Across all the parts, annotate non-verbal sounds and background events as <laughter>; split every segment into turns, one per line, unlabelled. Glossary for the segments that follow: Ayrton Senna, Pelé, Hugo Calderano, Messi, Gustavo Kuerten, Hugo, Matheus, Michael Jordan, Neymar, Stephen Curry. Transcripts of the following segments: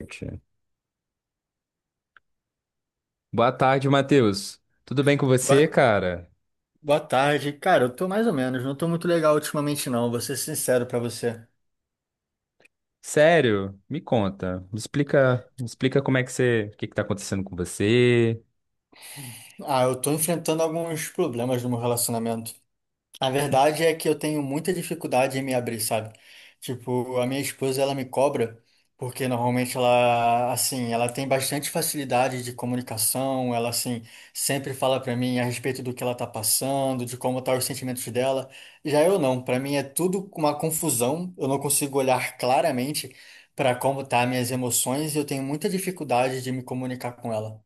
Gente. Boa tarde, Matheus. Tudo bem com você,
Boa,
cara?
boa tarde. Cara, eu tô mais ou menos, não tô muito legal ultimamente não, vou ser sincero pra você.
Sério? Me conta. Me explica como é que você, o que que tá acontecendo com você?
Ah, eu tô enfrentando alguns problemas no meu relacionamento. A verdade é que eu tenho muita dificuldade em me abrir, sabe? Tipo, a minha esposa, ela me cobra, porque normalmente ela, assim, ela tem bastante facilidade de comunicação, ela, assim, sempre fala pra mim a respeito do que ela tá passando, de como tá os sentimentos dela. Já eu não, pra mim é tudo uma confusão, eu não consigo olhar claramente pra como tá minhas emoções e eu tenho muita dificuldade de me comunicar com ela.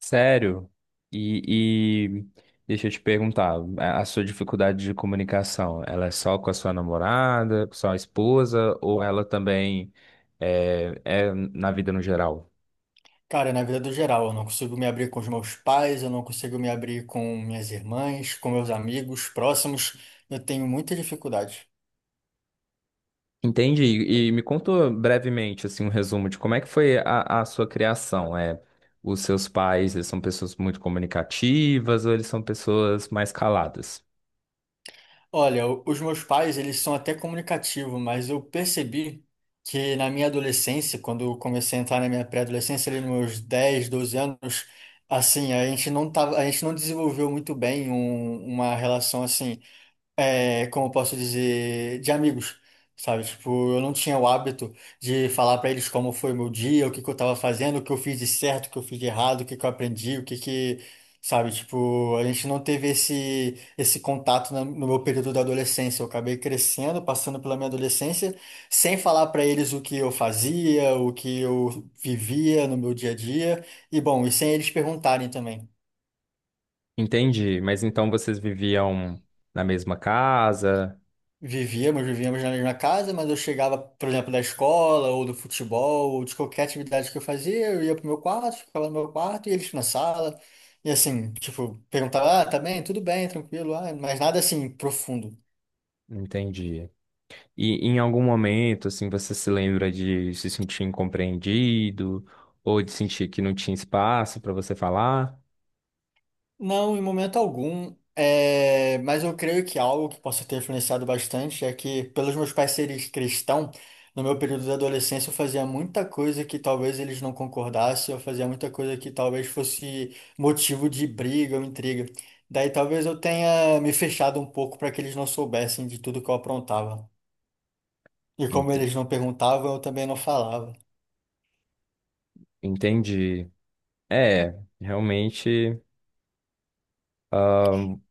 Sério? E deixa eu te perguntar, a sua dificuldade de comunicação, ela é só com a sua namorada, com a sua esposa, ou ela também é na vida no geral?
Cara, na vida do geral, eu não consigo me abrir com os meus pais, eu não consigo me abrir com minhas irmãs, com meus amigos próximos. Eu tenho muita dificuldade.
Entendi. E me conta brevemente, assim, um resumo de como é que foi a sua criação. É, os seus pais, eles são pessoas muito comunicativas ou eles são pessoas mais caladas?
Olha, os meus pais, eles são até comunicativos, mas eu percebi que na minha adolescência, quando eu comecei a entrar na minha pré-adolescência, ali nos meus 10, 12 anos, assim, a gente não tava, a gente não desenvolveu muito bem uma relação assim. É, como eu posso dizer, de amigos, sabe? Tipo, eu não tinha o hábito de falar pra eles como foi o meu dia, o que que eu tava fazendo, o que eu fiz de certo, o que eu fiz de errado, o que que eu aprendi, o que que, sabe? Tipo, a gente não teve esse contato no meu período da adolescência. Eu acabei crescendo, passando pela minha adolescência, sem falar pra eles o que eu fazia, o que eu vivia no meu dia a dia, e bom, e sem eles perguntarem também.
Entendi. Mas então vocês viviam na mesma casa?
Vivíamos, vivíamos na mesma casa, mas eu chegava, por exemplo, da escola ou do futebol, ou de qualquer atividade que eu fazia, eu ia pro meu quarto, ficava no meu quarto e eles na sala. E assim, tipo, perguntava, ah, tá bem? Tudo bem, tranquilo, ah, mas nada assim profundo.
Entendi. E em algum momento, assim, você se lembra de se sentir incompreendido ou de sentir que não tinha espaço para você falar?
Não, em momento algum. É, mas eu creio que algo que possa ter influenciado bastante é que, pelos meus pais serem cristãos, no meu período de adolescência eu fazia muita coisa que talvez eles não concordassem, eu fazia muita coisa que talvez fosse motivo de briga ou intriga. Daí talvez eu tenha me fechado um pouco para que eles não soubessem de tudo que eu aprontava. E como
Ente-
eles não perguntavam, eu também não falava.
Entendi. É, realmente.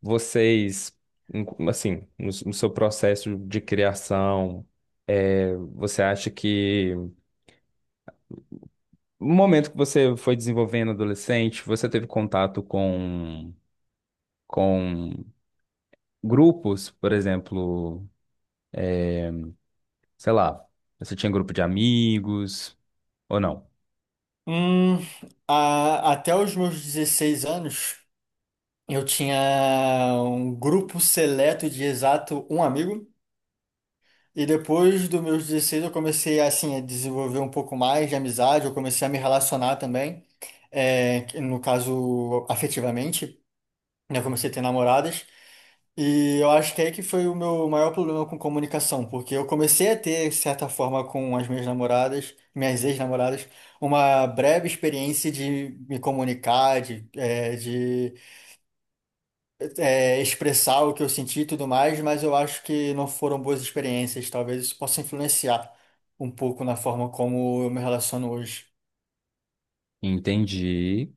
Vocês, assim, no seu processo de criação, você acha que no momento que você foi desenvolvendo adolescente, você teve contato com grupos, por exemplo, sei lá, você tinha grupo de amigos ou não?
Hum, Até os meus 16 anos. Eu tinha um grupo seleto de exato um amigo. E depois dos meus 16 eu comecei assim a desenvolver um pouco mais de amizade, eu comecei a me relacionar também, é, que no caso afetivamente, né? Eu comecei a ter namoradas. E eu acho que é aí que foi o meu maior problema com comunicação, porque eu comecei a ter, de certa forma, com as minhas namoradas, minhas ex-namoradas, uma breve experiência de me comunicar, de, é, expressar o que eu senti e tudo mais, mas eu acho que não foram boas experiências. Talvez isso possa influenciar um pouco na forma como eu me relaciono hoje.
Entendi.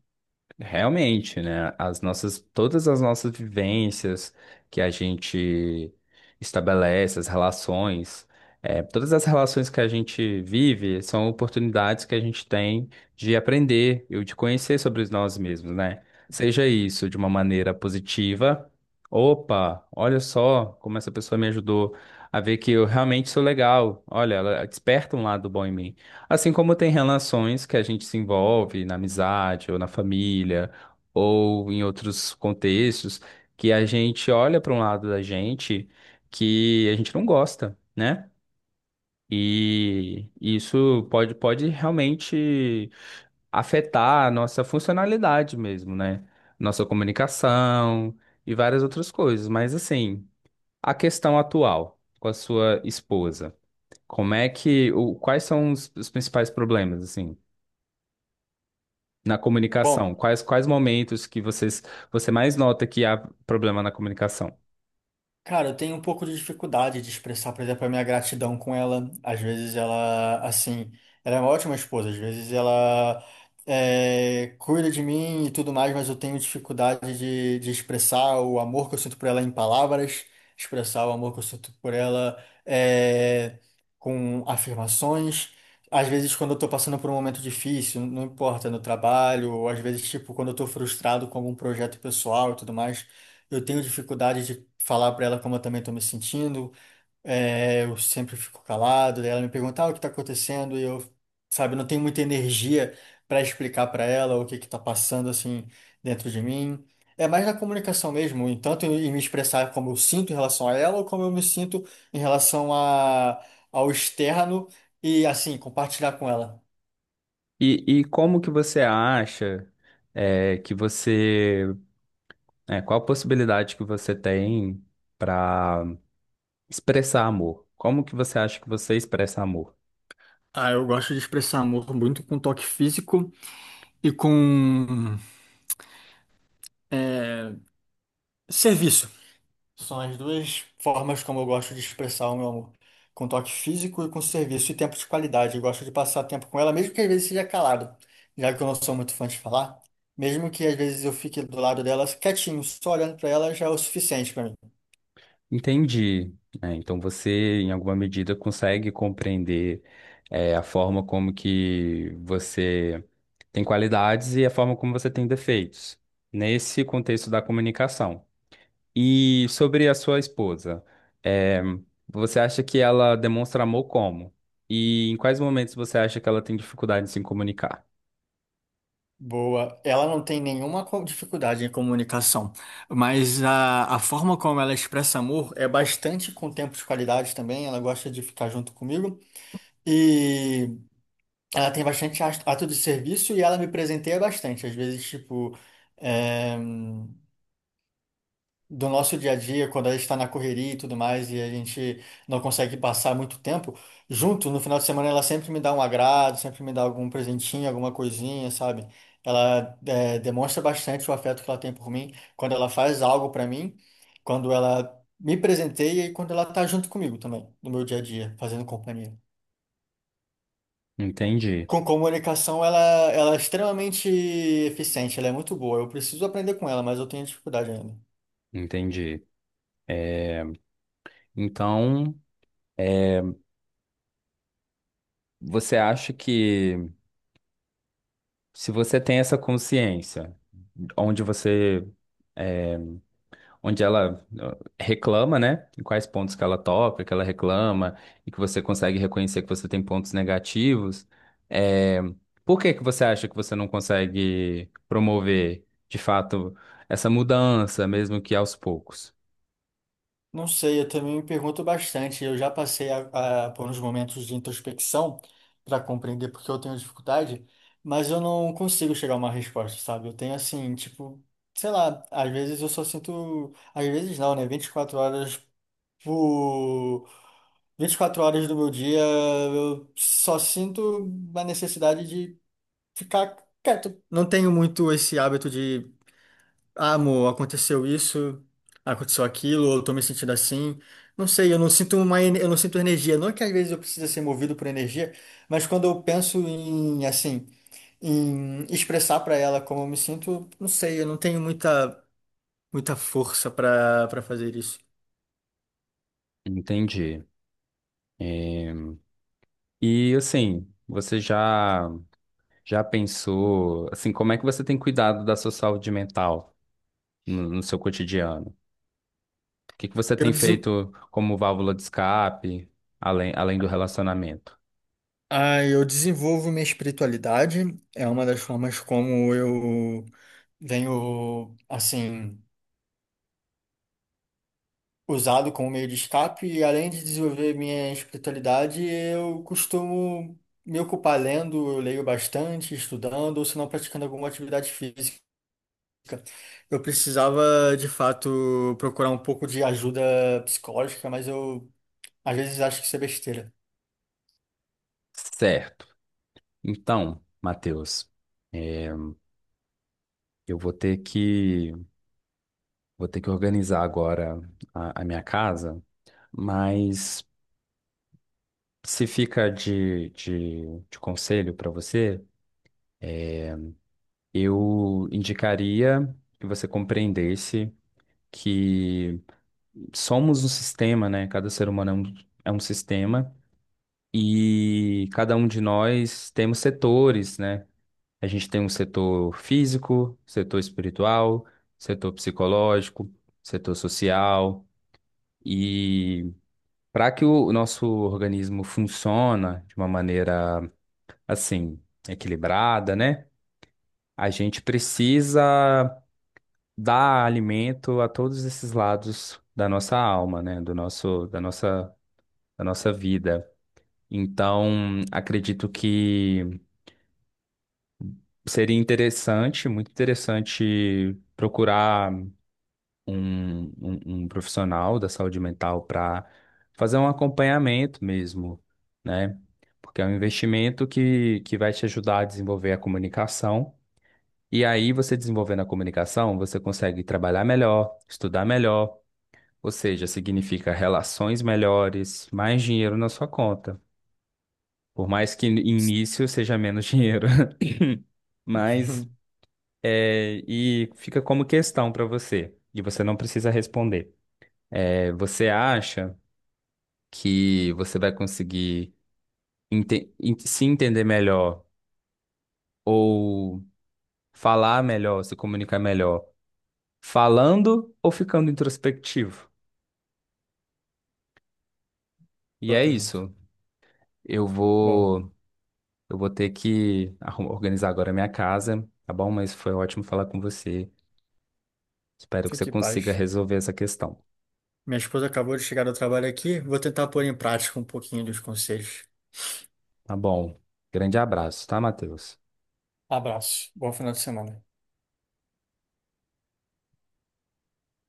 Realmente, né? As nossas, todas as nossas vivências que a gente estabelece, as relações, todas as relações que a gente vive são oportunidades que a gente tem de aprender e de conhecer sobre nós mesmos, né? Seja isso de uma maneira positiva. Opa, olha só como essa pessoa me ajudou a ver que eu realmente sou legal. Olha, ela desperta um lado bom em mim. Assim como tem relações que a gente se envolve na amizade ou na família ou em outros contextos que a gente olha para um lado da gente que a gente não gosta, né? E isso pode realmente afetar a nossa funcionalidade mesmo, né? Nossa comunicação e várias outras coisas. Mas assim, a questão atual com a sua esposa, como é que, o, quais são os principais problemas, assim? Na
Bom.
comunicação, quais momentos que vocês, você mais nota que há problema na comunicação?
Cara, eu tenho um pouco de dificuldade de expressar, por exemplo, a minha gratidão com ela. Às vezes ela, assim, ela é uma ótima esposa, às vezes ela é, cuida de mim e tudo mais, mas eu tenho dificuldade de expressar o amor que eu sinto por ela em palavras, expressar o amor que eu sinto por ela é, com afirmações. Às vezes, quando eu tô passando por um momento difícil, não importa, no trabalho, ou às vezes, tipo, quando eu tô frustrado com algum projeto pessoal e tudo mais. Eu tenho dificuldade de falar para ela como eu também estou me sentindo. É, eu sempre fico calado. Daí, ela me pergunta, ah, o que está acontecendo? E eu, sabe, não tenho muita energia para explicar para ela o que que está passando assim dentro de mim. É mais na comunicação mesmo, em tanto em me expressar como eu sinto em relação a ela ou como eu me sinto em relação ao externo e assim compartilhar com ela.
E como que você acha é, que você, é, qual a possibilidade que você tem para expressar amor? Como que você acha que você expressa amor?
Ah, eu gosto de expressar amor muito com toque físico e com é, serviço. São as duas formas como eu gosto de expressar o meu amor. Com toque físico e com serviço e tempo de qualidade. Eu gosto de passar tempo com ela, mesmo que às vezes seja calado, já que eu não sou muito fã de falar. Mesmo que às vezes eu fique do lado dela quietinho, só olhando pra ela já é o suficiente pra mim.
Entendi. Né? Então você, em alguma medida, consegue compreender é, a forma como que você tem qualidades e a forma como você tem defeitos. Nesse contexto da comunicação. E sobre a sua esposa, é, você acha que ela demonstra amor como? E em quais momentos você acha que ela tem dificuldade em se comunicar?
Boa. Ela não tem nenhuma dificuldade em comunicação, mas a forma como ela expressa amor é bastante com tempo de qualidade também. Ela gosta de ficar junto comigo. Ela tem bastante ato de serviço e ela me presenteia bastante. Às vezes, tipo, é, do nosso dia a dia, quando ela está na correria e tudo mais, e a gente não consegue passar muito tempo junto, no final de semana ela sempre me dá um agrado, sempre me dá algum presentinho, alguma coisinha, sabe? Ela demonstra bastante o afeto que ela tem por mim quando ela faz algo para mim, quando ela me presenteia e quando ela tá junto comigo também, no meu dia a dia, fazendo companhia.
Entendi,
Com comunicação, ela é extremamente eficiente, ela é muito boa. Eu preciso aprender com ela, mas eu tenho dificuldade ainda.
entendi. É, então, você acha que se você tem essa consciência, onde você onde ela reclama, né? Em quais pontos que ela toca, que ela reclama, e que você consegue reconhecer que você tem pontos negativos. É, por que que você acha que você não consegue promover, de fato, essa mudança, mesmo que aos poucos?
Não sei, eu também me pergunto bastante. Eu já passei por uns momentos de introspecção para compreender por que eu tenho dificuldade, mas eu não consigo chegar a uma resposta, sabe? Eu tenho assim, tipo, sei lá, às vezes eu só sinto, às vezes não, né? 24 horas por 24 horas do meu dia, eu só sinto a necessidade de ficar quieto. Não tenho muito esse hábito de, ah, amor, aconteceu isso, aconteceu aquilo, ou eu tô me sentindo assim. Não sei, eu não sinto energia. Não é que às vezes eu precise ser movido por energia, mas quando eu penso em, assim, expressar pra ela como eu me sinto, não sei, eu não tenho muita, muita força pra para fazer isso.
Entendi. É, e assim, você já já pensou, assim, como é que você tem cuidado da sua saúde mental no seu cotidiano? Que você
Eu
tem
desen...
feito como válvula de escape, além do relacionamento?
Ah, eu desenvolvo minha espiritualidade, é uma das formas como eu venho, assim, usado como meio de escape e além de desenvolver minha espiritualidade, eu costumo me ocupar lendo, eu leio bastante, estudando, ou se não praticando alguma atividade física. Eu precisava, de fato, procurar um pouco de ajuda psicológica, mas eu às vezes acho que isso é besteira.
Certo. Então, Matheus, é, eu vou ter que organizar agora a minha casa, mas se fica de conselho para você, eu indicaria que você compreendesse que somos um sistema, né? Cada ser humano é um sistema. E cada um de nós temos setores, né? A gente tem um setor físico, setor espiritual, setor psicológico, setor social. E para que o nosso organismo funcione de uma maneira assim, equilibrada, né? A gente precisa dar alimento a todos esses lados da nossa alma, né? Do nosso, da nossa vida. Então, acredito que seria interessante, muito interessante procurar um profissional da saúde mental para fazer um acompanhamento mesmo, né? Porque é um investimento que vai te ajudar a desenvolver a comunicação. E aí, você desenvolvendo a comunicação, você consegue trabalhar melhor, estudar melhor, ou seja, significa relações melhores, mais dinheiro na sua conta. Por mais que no início seja menos dinheiro, <laughs> mas.
<laughs>
É, e fica como questão para você, e você não precisa responder. É, você acha que você vai conseguir se entender melhor ou falar melhor, se comunicar melhor, falando ou ficando introspectivo? E
Boa
é
pergunta.
isso. Eu
Bom,
vou, eu vou ter que organizar agora a minha casa, tá bom? Mas foi ótimo falar com você. Espero que você
fique em
consiga
paz.
resolver essa questão,
Minha esposa acabou de chegar do trabalho aqui, vou tentar pôr em prática um pouquinho dos conselhos.
tá bom? Grande abraço, tá, Matheus?
Abraço, bom final de semana.